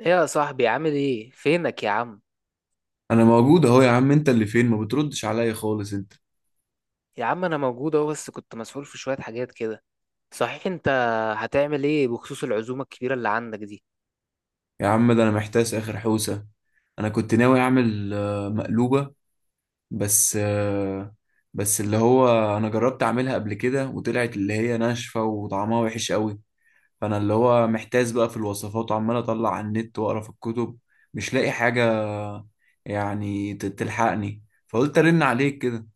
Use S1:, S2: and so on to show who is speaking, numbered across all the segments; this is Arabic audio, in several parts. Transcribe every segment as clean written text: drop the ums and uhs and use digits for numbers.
S1: ايه يا صاحبي، عامل ايه؟ فينك يا عم؟
S2: انا موجود اهو يا عم، انت اللي فين؟ ما بتردش عليا خالص انت.
S1: يا عم انا موجود اهو، بس كنت مسؤول في شوية حاجات كده. صحيح انت هتعمل ايه بخصوص العزومة الكبيرة اللي عندك دي؟
S2: يا عم، ده انا محتاس اخر حوسه. انا كنت ناوي اعمل مقلوبه. بس آه، بس اللي هو انا جربت اعملها قبل كده، وطلعت اللي هي ناشفه وطعمها وحش قوي. فانا اللي هو محتاس بقى في الوصفات، وعمال اطلع على النت واقرا في الكتب، مش لاقي حاجه. يعني تلحقني. فقلت ارن عليك كده.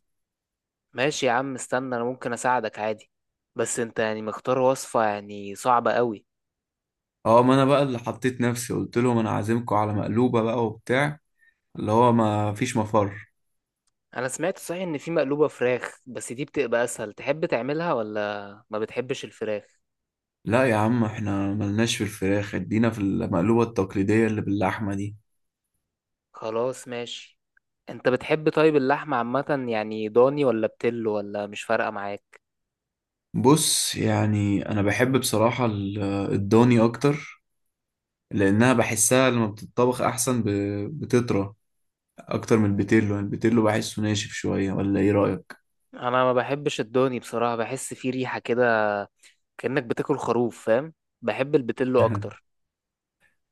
S1: ماشي يا عم، استنى، انا ممكن اساعدك عادي. بس انت يعني مختار وصفة يعني صعبة قوي.
S2: اه، ما انا بقى اللي حطيت نفسي، قلت لهم انا عازمكم على مقلوبه بقى وبتاع، اللي هو ما فيش مفر.
S1: انا سمعت صحيح ان في مقلوبة فراخ بس دي بتبقى اسهل، تحب تعملها ولا ما بتحبش الفراخ؟
S2: لا يا عم، احنا ملناش في الفراخ، ادينا في المقلوبة التقليدية اللي باللحمة دي.
S1: خلاص ماشي. انت بتحب طيب اللحمة عامة يعني ضاني ولا بتلو، ولا مش فارقة معاك؟
S2: بص، يعني انا بحب بصراحة الضاني اكتر. لانها بحسها لما بتطبخ احسن، بتطرى اكتر من البيتيلو. البيتيلو بحسه ناشف شوية، ولا ايه رأيك؟
S1: انا ما بحبش الضاني بصراحة، بحس فيه ريحة كده، كأنك بتاكل خروف فاهم. بحب البتلو اكتر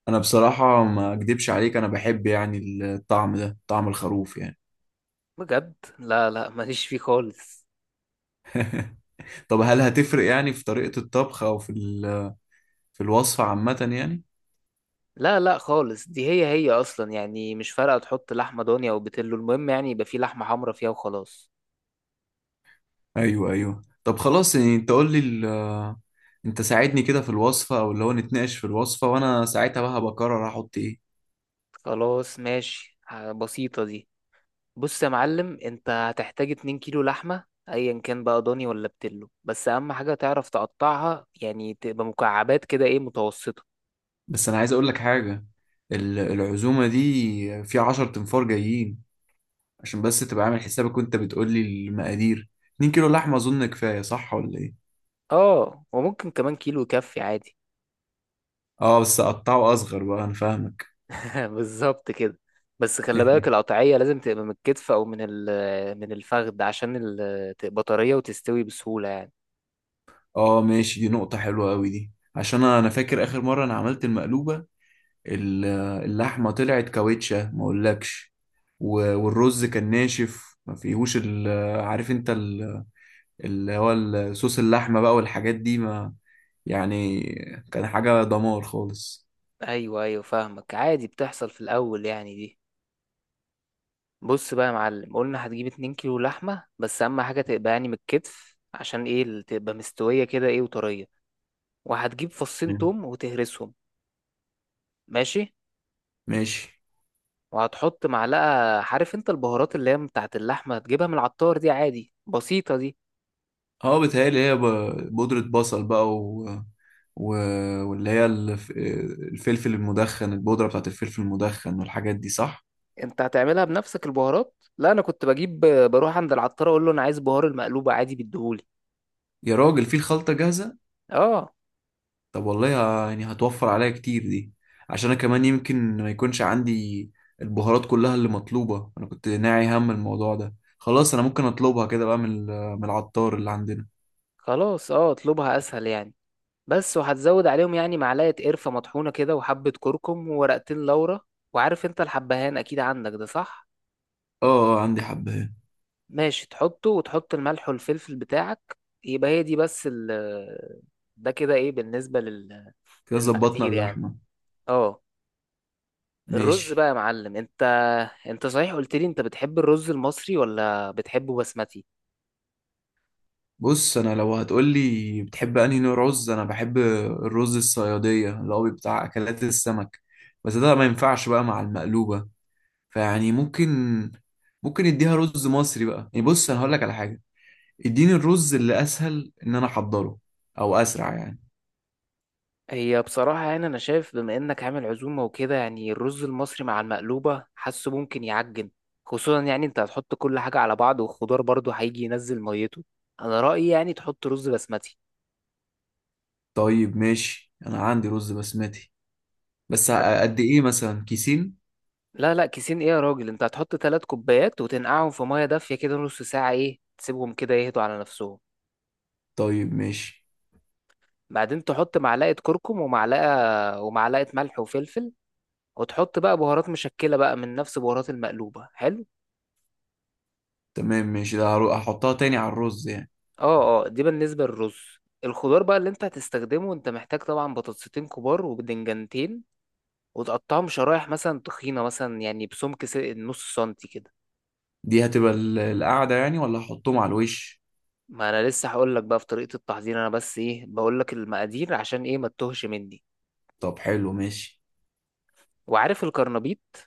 S2: انا بصراحة ما اكدبش عليك، انا بحب يعني الطعم ده، طعم الخروف يعني.
S1: بجد. لا لا، ماليش فيه خالص.
S2: طب هل هتفرق يعني في طريقة الطبخ او في في الوصفة عامة يعني؟
S1: لا لا خالص، دي هي هي اصلا، يعني مش فارقة تحط لحمة ضاني او بتلو، المهم يعني يبقى فيه لحمة حمرا فيها وخلاص.
S2: ايوه ايوه، طب خلاص، يعني انت قول لي انت ساعدني كده في الوصفه، او اللي هو نتناقش في الوصفه وانا ساعتها بقى هبقى اقرر احط ايه.
S1: خلاص ماشي. بسيطة دي. بص يا معلم، انت هتحتاج 2 كيلو لحمة ايا كان بقى ضاني ولا بتلو، بس اهم حاجة تعرف تقطعها، يعني تبقى مكعبات كده ايه متوسطة.
S2: بس انا عايز اقول لك حاجه، العزومه دي في 10 تنفار جايين. عشان بس تبقى عامل حسابك وانت بتقول لي المقادير. 2 كيلو لحمه اظن كفايه، صح ولا ايه؟
S1: اه وممكن كمان كيلو يكفي عادي.
S2: اه بس اقطعه اصغر بقى، انا فاهمك.
S1: بالظبط كده. بس خلي بالك القطعية لازم تبقى من الكتف أو من الفخذ، عشان تبقى طرية وتستوي بسهولة يعني.
S2: اه ماشي، دي نقطه حلوه قوي دي. عشان انا فاكر اخر مره انا عملت المقلوبه. ال- اللحمة طلعت كاوتشة ما اقولكش. والرز كان ناشف، ما فيهوش عارف انت اللي هو صوص اللحمة بقى والحاجات دي، ما يعني كان حاجة دمار خالص.
S1: أيوه أيوه فاهمك عادي، بتحصل في الأول يعني دي. بص بقى يا معلم، قلنا هتجيب 2 كيلو لحمة، بس أهم حاجة تبقى يعني من الكتف، عشان إيه تبقى مستوية كده إيه وطرية. وهتجيب فصين
S2: مم.
S1: توم وتهرسهم. ماشي.
S2: ماشي.
S1: وهتحط معلقة. عارف أنت البهارات اللي هي بتاعت اللحمة؟ هتجيبها من العطار دي عادي، بسيطة دي.
S2: اه بتهيألي هي بودرة بصل بقى، و... واللي هي الفلفل المدخن، البودرة بتاعت الفلفل المدخن والحاجات دي صح؟
S1: انت هتعملها بنفسك البهارات؟ لا انا كنت بجيب، بروح عند العطار اقول له انا عايز بهار المقلوبه، عادي بيديهولي.
S2: يا راجل، في الخلطة جاهزة؟
S1: اه.
S2: طب والله، يعني هتوفر عليا كتير دي. عشان انا كمان يمكن ما يكونش عندي البهارات كلها اللي مطلوبة، انا كنت ناعي هم الموضوع ده، خلاص انا ممكن اطلبها كده بقى من من العطار اللي عندنا.
S1: خلاص، اه اطلبها اسهل يعني. بس وهتزود عليهم يعني معلقه قرفه مطحونه كده، وحبه كركم، وورقتين لورا. وعارف انت الحبهان اكيد عندك ده، صح؟
S2: اه اه، عندي حبهان.
S1: ماشي، تحطه وتحط الملح والفلفل بتاعك. يبقى هي دي بس ال، ده كده ايه بالنسبه
S2: كده ظبطنا
S1: للمقادير يعني.
S2: اللحمة.
S1: اه. الرز
S2: ماشي.
S1: بقى يا معلم، انت صحيح قلت لي انت بتحب الرز المصري ولا بتحبه بسمتي؟
S2: بص، انا لو هتقولي بتحب انهي نوع رز، انا بحب الرز الصيادية اللي هو بتاع اكلات السمك. بس ده ما ينفعش بقى مع المقلوبة. فيعني ممكن نديها رز مصري بقى، يعني بص انا هقول لك على حاجة. اديني الرز اللي اسهل ان انا احضره، او اسرع يعني.
S1: هي بصراحة يعني أنا شايف بما إنك عامل عزومة وكده، يعني الرز المصري مع المقلوبة حاسه ممكن يعجن، خصوصا يعني أنت هتحط كل حاجة على بعض، والخضار برضه هيجي ينزل ميته. أنا رأيي يعني تحط رز بسمتي.
S2: طيب ماشي، انا عندي رز بسمتي. بس
S1: حت...
S2: قد ايه، مثلا كيسين؟
S1: لا لا، كيسين إيه يا راجل؟ أنت هتحط تلات كوبايات وتنقعهم في مية دافية كده نص ساعة، إيه تسيبهم كده يهدوا على نفسهم.
S2: طيب ماشي.
S1: بعدين تحط معلقة كركم، ومعلقة ملح وفلفل، وتحط بقى بهارات مشكلة بقى من نفس بهارات المقلوبة. حلو.
S2: تمام ماشي، ده هحطها تاني على الرز يعني.
S1: اه اه، دي بالنسبة للرز. الخضار بقى اللي انت هتستخدمه، انت محتاج طبعا بطاطستين كبار وبدنجانتين، وتقطعهم شرايح مثلا تخينة، مثلا يعني بسمك نص سنتي كده.
S2: دي هتبقى القعدة يعني، ولا هحطهم على الوش؟
S1: ما انا لسه هقول لك بقى في طريقة التحضير، انا بس ايه بقول لك المقادير عشان ايه ما تتوهش مني.
S2: طب حلو، ماشي.
S1: وعارف الكرنبيط؟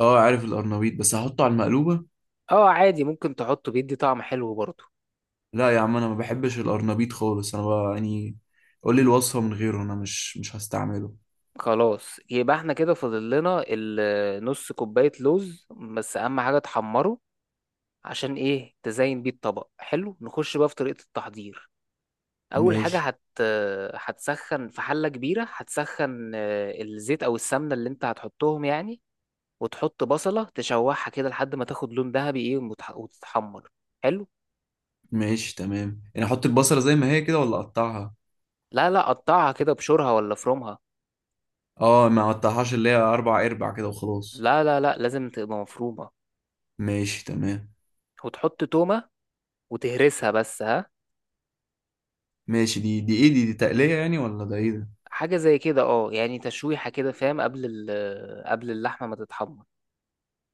S2: اه عارف القرنبيط، بس هحطه على المقلوبة.
S1: اه، عادي ممكن تحطه، بيدي طعم حلو برضه.
S2: لا يا عم، انا ما بحبش القرنبيط خالص، انا بقى يعني قول لي الوصفة من غيره، انا مش هستعمله.
S1: خلاص، يبقى احنا كده فاضل لنا نص كوباية لوز، بس اهم حاجة تحمره، عشان ايه تزين بيه الطبق. حلو، نخش بقى في طريقة التحضير. اول حاجه
S2: ماشي.
S1: هتسخن في حله كبيره، هتسخن الزيت او السمنه اللي انت هتحطهم يعني، وتحط بصله تشوحها كده لحد ما تاخد لون ذهبي ايه وتتحمر. حلو.
S2: ماشي تمام، يعني احط البصلة زي ما هي كده ولا اقطعها؟
S1: لا لا، قطعها كده بشورها ولا فرومها.
S2: اه، ما قطعهاش، اللي هي اربع ارباع كده وخلاص.
S1: لا لا لا، لازم تبقى مفرومه.
S2: ماشي تمام.
S1: وتحط تومه وتهرسها بس، ها.
S2: ماشي، دي ايه؟ دي تقلية يعني، ولا ده ايه ده؟
S1: حاجه زي كده اه، يعني تشويحه كده فاهم، قبل اللحمه ما تتحمر.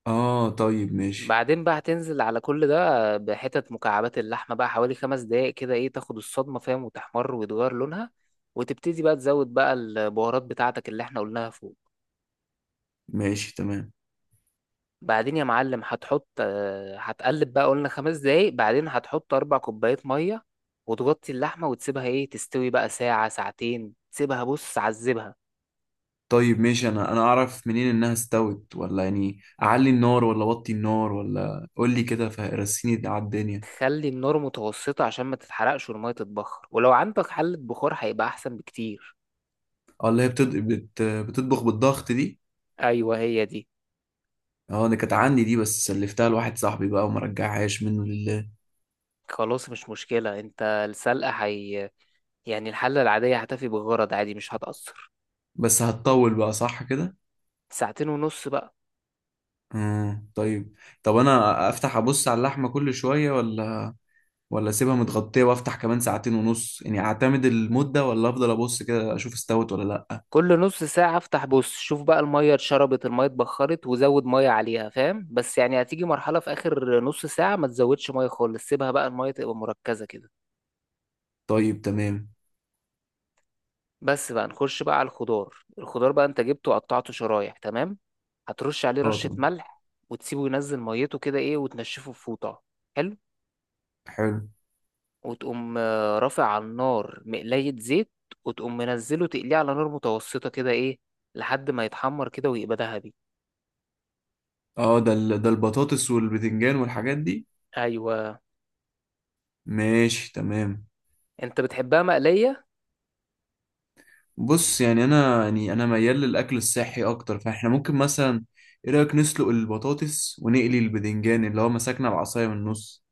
S2: اه طيب ماشي.
S1: بعدين بقى هتنزل على كل ده بحتت مكعبات اللحمة بقى، حوالي خمس دقايق كده ايه، تاخد الصدمة فاهم، وتحمر ويتغير لونها، وتبتدي بقى تزود بقى البهارات بتاعتك اللي احنا قلناها فوق.
S2: ماشي تمام.
S1: بعدين يا معلم هتحط، هتقلب بقى، قلنا خمس دقايق، بعدين هتحط أربع كوبايات مية وتغطي اللحمة وتسيبها ايه تستوي بقى ساعة ساعتين، تسيبها بص عذبها.
S2: طيب ماشي، انا اعرف منين انها استوت؟ ولا يعني اعلي النار ولا اوطي النار؟ ولا قول لي كده، فرسيني على الدنيا.
S1: خلي النار متوسطة عشان ما تتحرقش والمية تتبخر، ولو عندك حلة بخار هيبقى أحسن بكتير.
S2: اه، اللي هي بتطبخ بالضغط دي.
S1: أيوة هي دي.
S2: اه انا كانت عندي دي، بس سلفتها لواحد صاحبي بقى وما رجعهاش منه لله.
S1: خلاص مش مشكلة، انت السلقة هي، يعني الحلة العادية هتفي بالغرض عادي، مش هتأثر.
S2: بس هتطول بقى، صح كده؟
S1: ساعتين ونص بقى.
S2: طيب. طب انا افتح ابص على اللحمه كل شويه، ولا اسيبها متغطيه وافتح كمان 2 ساعة ونص، يعني اعتمد المده، ولا افضل ابص كده اشوف استوت ولا لا؟
S1: كل نص ساعة افتح بص، شوف بقى المية اتشربت، المية اتبخرت، وزود مية عليها فاهم. بس يعني هتيجي مرحلة في آخر نص ساعة ما تزودش مية خالص، سيبها بقى المية تبقى مركزة كده.
S2: طيب تمام.
S1: بس بقى نخش بقى على الخضار. الخضار بقى انت جبته وقطعته شرايح تمام، هترش عليه
S2: اه
S1: رشة
S2: طب
S1: ملح. وتسيبه ينزل ميته كده ايه، وتنشفه في فوطة. حلو.
S2: حلو.
S1: وتقوم رافع على النار مقلاية زيت، وتقوم منزله تقليه على نار متوسطة كده ايه، لحد ما يتحمر كده ويبقى ذهبي.
S2: اه، ده ده البطاطس والبتنجان والحاجات دي.
S1: ايوه.
S2: ماشي تمام.
S1: انت بتحبها مقلية؟
S2: بص، يعني انا ميال للاكل الصحي اكتر، فاحنا ممكن مثلا، ايه رايك نسلق البطاطس ونقلي البتنجان اللي هو مسكنا العصايه من النص؟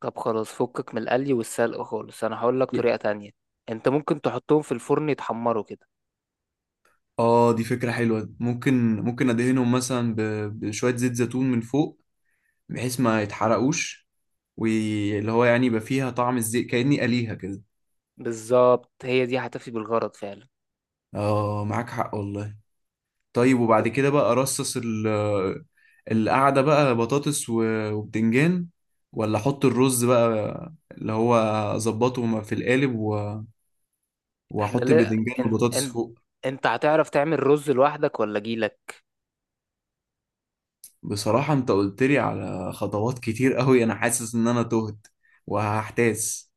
S1: طب خلاص، فكك من القلي والسلق خالص، انا هقول لك
S2: ي-
S1: طريقة تانية. انت ممكن تحطهم في الفرن يتحمروا كده.
S2: اه، دي فكره حلوه، ممكن ادهنهم مثلا بشويه زيت زيتون من فوق، بحيث ما يتحرقوش. واللي هو يعني يبقى فيها طعم الزيت كأني قليها كده.
S1: بالظبط هي دي هتفي بالغرض فعلا.
S2: اه معاك حق والله. طيب،
S1: و-
S2: وبعد كده بقى رصص القعدة بقى، بطاطس وبتنجان؟ ولا احط الرز بقى اللي هو اظبطه في القالب،
S1: احنا،
S2: واحط
S1: لا
S2: البتنجان
S1: انت،
S2: والبطاطس
S1: انت
S2: فوق؟
S1: انت هتعرف تعمل رز لوحدك ولا جيلك؟
S2: بصراحة انت قلت لي على خطوات كتير قوي، انا حاسس ان انا تهت وهحتاس.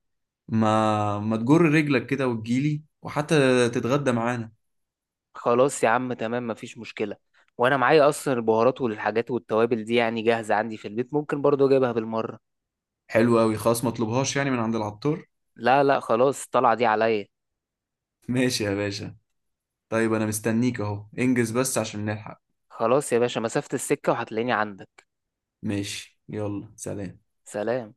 S2: ما تجر رجلك كده وتجيلي، وحتى تتغدى معانا.
S1: خلاص يا عم تمام، مفيش مشكلة. وانا معايا اصلا البهارات والحاجات والتوابل دي يعني جاهزة عندي في البيت، ممكن برضو اجيبها بالمرة.
S2: حلو قوي خلاص، ما اطلبهاش يعني من عند العطار.
S1: لا لا خلاص، الطلعة دي عليا.
S2: ماشي يا باشا. طيب، انا مستنيك اهو، انجز بس عشان نلحق.
S1: خلاص يا باشا، مسافة السكة وهتلاقيني عندك.
S2: ماشي، يلا سلام.
S1: سلام.